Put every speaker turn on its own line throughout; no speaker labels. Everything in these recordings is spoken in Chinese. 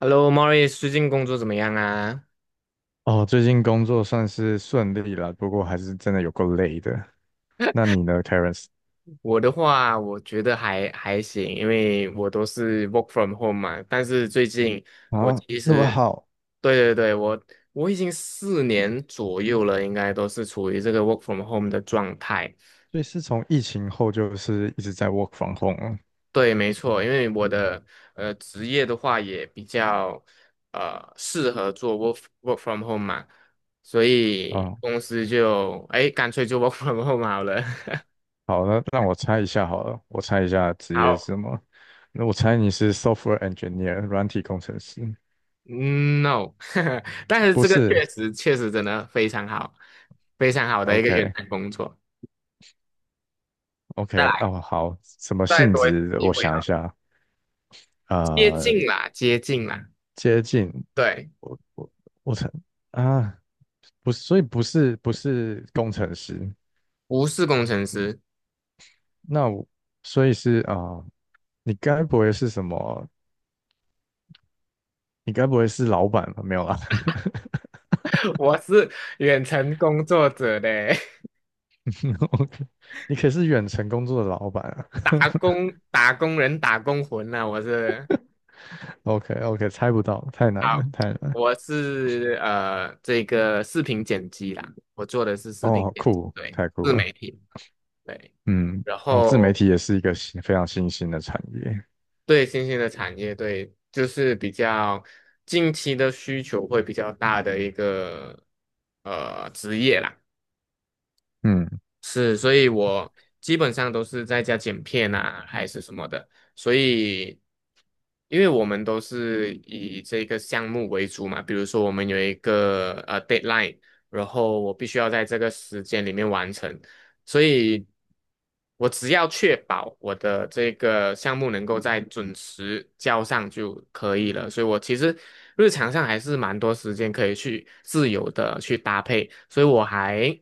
Hello, Mori， 最近工作怎么样啊？
哦，最近工作算是顺利了，不过还是真的有够累的。那你呢，Terence？
我的话，我觉得还行，因为我都是 work from home 嘛。但是最近我
啊，
其
那么
实，
好，
对对对，我已经4年左右了，应该都是处于这个 work from home 的状态。
所以是从疫情后就是一直在 work from home
对，没错，因为我的职业的话也比较适合做 work from home 嘛，所
啊。
以
啊
公司就哎干脆就 work from home 好了。
好，那让我猜一下好了，我猜一下职业是
好。
什么？那我猜你是 software engineer，软体工程师？
嗯， No，但是
不
这个
是
确实真的非常好，非常好的一个远
？OK，OK，
程工作。再来，
哦，好，什么
再
性
多一次
质我
机会
想一
哈，
下，
接
呃，
近啦，接近啦，
接近，
对，
我我我猜啊，不是，所以不是工程师。
不是工程师，
那我所以是啊、你该不会是什么？你该不会是老板吧？没有啦
我是远程工作者嘞，
，OK，你可是远程工作的老板啊
打工打工人打工魂呐、
，OK OK，猜不到，太难了，
好，
太难了，
我是这个视频剪辑啦，我做的是视频
哦，好
剪辑，
酷，
对，
太酷
自
了，
媒体，对。
嗯，
然
哦，自媒
后
体也是一个新非常新兴的产业，
对新兴的产业，对，就是比较近期的需求会比较大的一个职业啦。
嗯，
是，所以我基本上都是在家剪片啊，还是什么的。所以，因为我们都是以这个项目为主嘛，比如说我们有一个deadline，然后我必须要在这个时间里面完成，所以我只要确保我的这个项目能够在准时交上就可以了。所以我其实日常上还是蛮多时间可以去自由的去搭配，所以我还。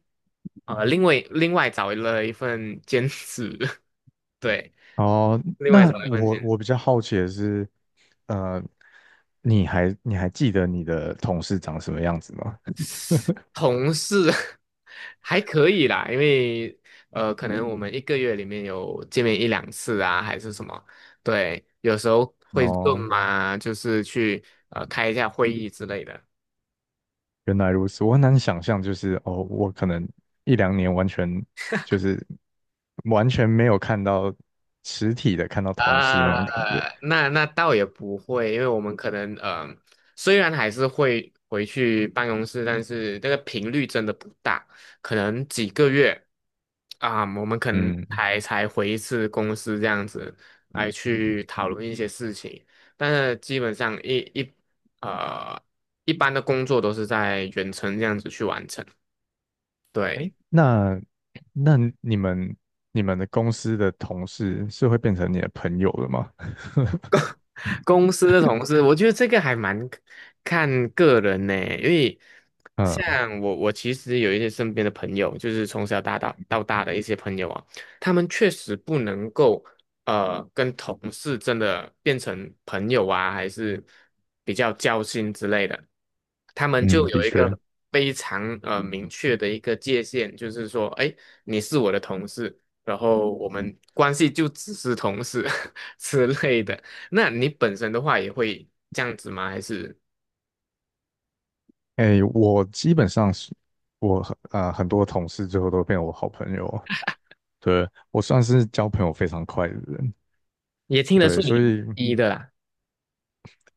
另外找了一份兼职，对，
哦，
另外
那
找了一份
我
兼
我比较好奇的是，呃，你还记得你的同事长什么样子吗？
职，同事 还可以啦，因为可能我们一个月里面有见面一两次啊，还是什么，对，有时候 会
哦，
嘛，就是去开一下会议之类的。
原来如此，我很难想象，就是哦，我可能一两年完全就是完全没有看到实体的，看到同事那种感觉。
啊，那倒也不会，因为我们可能虽然还是会回去办公室，但是那个频率真的不大，可能几个月啊，我们可能
嗯，
才回一次公司这样子来去讨论一些事情，但是基本上呃一般的工作都是在远程这样子去完成，
哎，
对。
那那你们你们的公司的同事是会变成你的朋友的吗？
公司的同事，我觉得这个还蛮看个人呢，因为
嗯
像我其实有一些身边的朋友，就是从小到大的一些朋友啊，他们确实不能够跟同事真的变成朋友啊，还是比较交心之类的，他们就
嗯，的
有一个
确，
非常明确的一个界限，就是说，哎，你是我的同事，然后我们关系就只是同事 之类的。那你本身的话也会这样子吗？还是
哎，我基本上是我很很多同事最后都变我好朋友，对，我算是交朋友非常快的人，
也听得
对，
出
所
你
以
一的啦，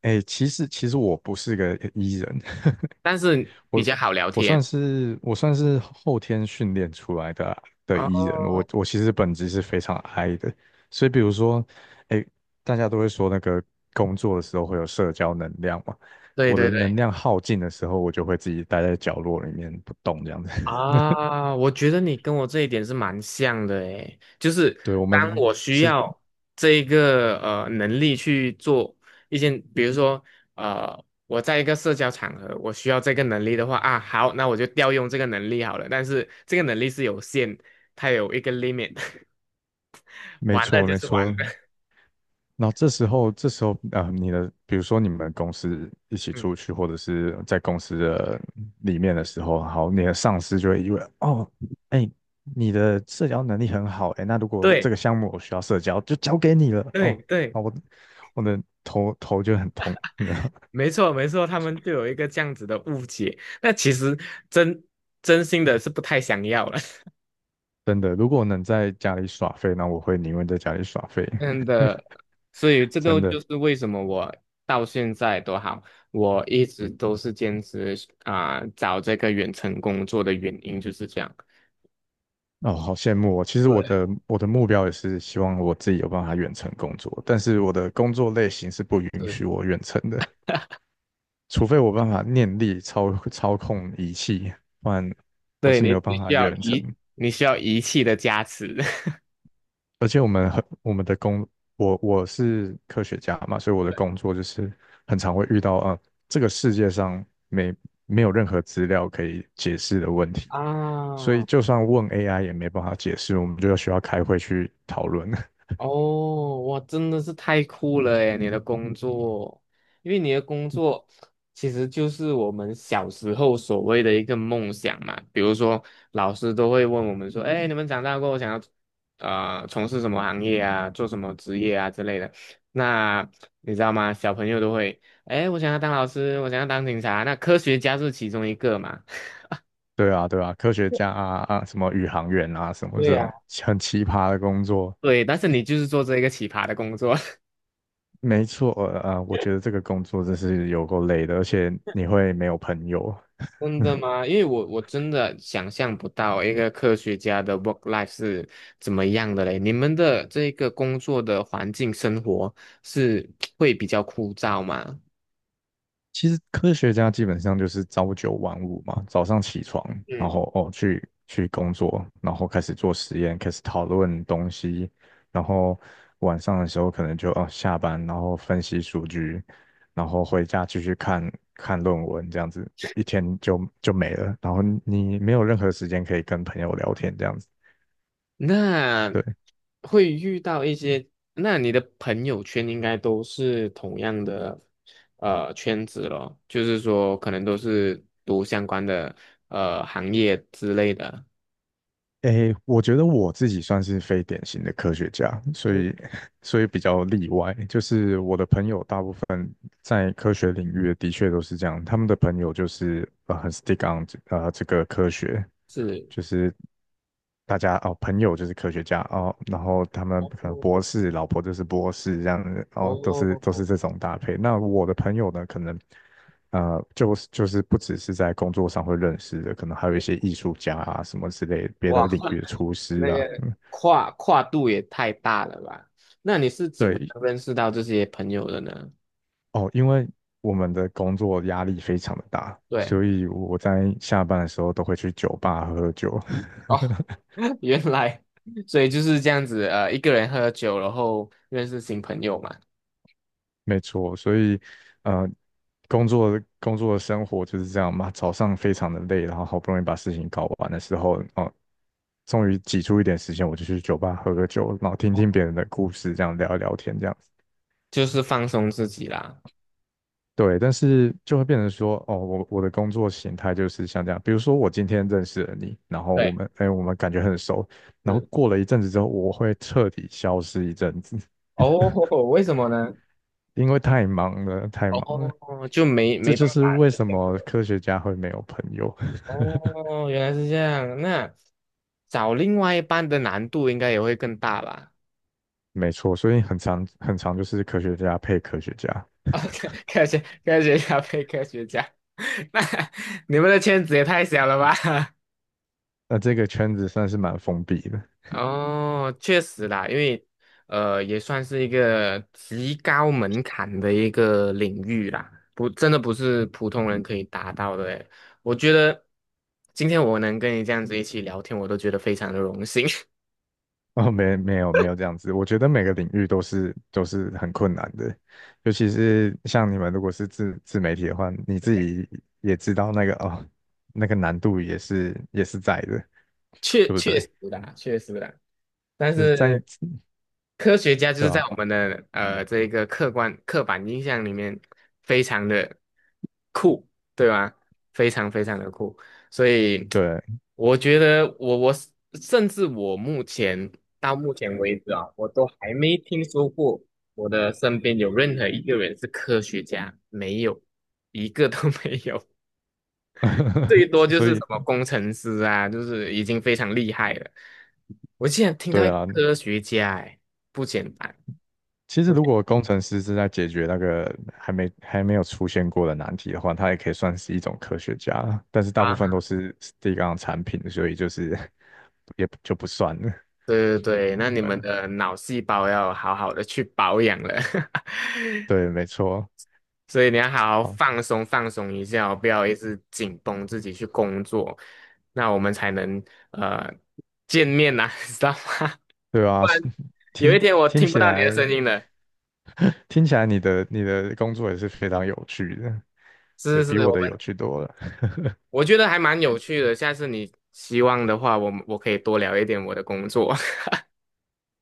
哎，其实我不是个 E 人，
但是比
我
较好聊
我算
天。
是我算是后天训练出来的E 人，我
哦，
我其实本质是非常 I 的，所以比如说，哎，大家都会说那个工作的时候会有社交能量嘛，
对
我的
对对，
能量耗尽的时候，我就会自己待在角落里面不动这样子。
啊，我觉得你跟我这一点是蛮像的诶，就是
对，我
当
们
我需
是
要这一个能力去做一件，比如说我在一个社交场合，我需要这个能力的话啊，好，那我就调用这个能力好了。但是这个能力是有限，它有一个 limit，
没
完了
错
就
没
是完了。
错，然后这时候，你的，比如说你们公司一起
嗯，
出去，或者是在公司的里面的时候，好，你的上司就会以为，哦，哎，你的社交能力很好，哎，那如果这
对。
个项目我需要社交，就交给你了，
对
哦，
对，
啊，我的头头就很痛，
没错没错，他们就有一个这样子的误解。那其实真真心的是不太想要了，
真的，如果能在家里耍废，那我会宁愿在家里耍废，
真的。所以这个
真的。
就是为什么我到现在都好，我一直都是坚持啊、找这个远程工作的原因就是这样。
哦，好羡慕哦！其实我
对，
的我的目标也是希望我自己有办法远程工作，但是我的工作类型是不允
是
许我远程的，除非我办法念力操控仪器，不然我
对
是
你，
没有办法远程。
你需要仪器的加持
而且我们很我们的工，我是科学家嘛，所以我的工作就是很常会遇到啊、这个世界上没没有任何资料可以解释的问题，
啊。
所以就算问 AI 也没办法解释，我们就需要开会去讨论。
哦，哇，真的是太酷了诶，你的工作，因为你的工作其实就是我们小时候所谓的一个梦想嘛。比如说，老师都会问我们说：“哎，你们长大过后想要从事什么行业啊，做什么职业啊之类的。”那你知道吗？小朋友都会：“哎，我想要当老师，我想要当警察。”那科学家是其中一个嘛？
对啊，对啊，科学家啊，什么宇航员啊，什 么
对
这
呀。
种 很奇葩的工作，
对，但是你就是做这一个奇葩的工作。
没错，我觉得这个工作真是有够累的，而且你会没有朋友。
真的 吗？因为我真的想象不到一个科学家的 work life 是怎么样的嘞。你们的这个工作的环境生活是会比较枯燥吗？
其实科学家基本上就是朝九晚五嘛，早上起床，然
嗯，
后哦去工作，然后开始做实验，开始讨论东西，然后晚上的时候可能就哦下班，然后分析数据，然后回家继续看看论文，这样子就一天就没了，然后你没有任何时间可以跟朋友聊天，这样子。
那
对。
会遇到一些，那你的朋友圈应该都是同样的圈子咯，就是说可能都是读相关的行业之类的。
诶，我觉得我自己算是非典型的科学家，所以
嗯，
所以比较例外。就是我的朋友大部分在科学领域的确都是这样，他们的朋友就是很 stick on 这这个科学，
是，
就是大家哦朋友就是科学家哦，然后他们可能博
哦
士，老婆就是博士这样子，哦都是都
哦。
是这种搭配。那我的朋友呢，可能。呃，就是不只是在工作上会认识的，可能还有一些艺术家啊什么之类，别
哇，
的领域的 厨师
那
啊，
个
嗯，
跨度也太大了吧？那你是怎么
对，
认识到这些朋友的呢？
哦，因为我们的工作压力非常的大，所
对，
以我在下班的时候都会去酒吧喝喝酒，
哦，原来，所以就是这样子，一个人喝酒，然后认识新朋友嘛，
没错，所以呃，工作的生活就是这样嘛，早上非常的累，然后好不容易把事情搞完的时候，哦，终于挤出一点时间，我就去酒吧喝个酒，然后听
哦，
听别人的故事，这样聊一聊天，这样。
就是放松自己啦。
对，但是就会变成说，哦，我的工作形态就是像这样，比如说我今天认识了你，然后我
对，
们，哎，我们感觉很熟，然后
是。
过了一阵子之后，我会彻底消失一阵子，
哦，为什么呢？
因为太忙了，太忙了。
哦，就没
这
没
就
办
是
法了，
为
这
什
样子
么
的
科学家会没有朋友，
哦，原来是这样，那找另外一半的难度应该也会更大吧？
没错，所以很长就是科学家配科学家，
哦，科学家配科学家，那你们的圈子也太小了吧？
那这个圈子算是蛮封闭的。
哦，确实啦，因为也算是一个极高门槛的一个领域啦，不，真的不是普通人可以达到的诶。我觉得今天我能跟你这样子一起聊天，我都觉得非常的荣幸。
哦，没有这样子，我觉得每个领域都是很困难的，尤其是像你们如果是自媒体的话，你自己也知道那个哦，那个难度也是在的，对不对？
确实的，但
就是在
是。科学家就
对
是在
吧？
我们的这一个客观刻板印象里面非常的酷，对吧？非常非常的酷，所以
对，
我觉得我甚至我目前到目前为止啊，我都还没听说过我的身边有任何一个人是科学家，没有一个都 没有，最 多就
所
是什
以
么工程师啊，就是已经非常厉害了。我竟然听到
对
一个
啊，
科学家，哎，不简单。
其实如果工程师是在解决那个还没有出现过的难题的话，他也可以算是一种科学家，但是大部分
啊，
都是第一个产品，所以就是 也就不算了。
对对对，那你们的脑细胞要好好的去保养了，
对，没错，
所以你要好好
好，
放松放松一下哦，不要一直紧绷自己去工作，那我们才能呃见面呐、知道吗？
对
不
啊，
然
是
有一
听
天我
听
听不
起
到你的
来，
声音了。
听起来你的工作也是非常有趣的，对，
是是
比
是，
我的有趣多了。
我觉得还蛮有趣的，下次你希望的话，我们我可以多聊一点我的工作。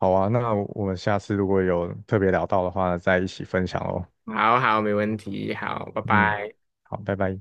好啊，那我们下次如果有特别聊到的话，再一起分享哦。
好好，没问题，好，拜
嗯，
拜。
好，拜拜。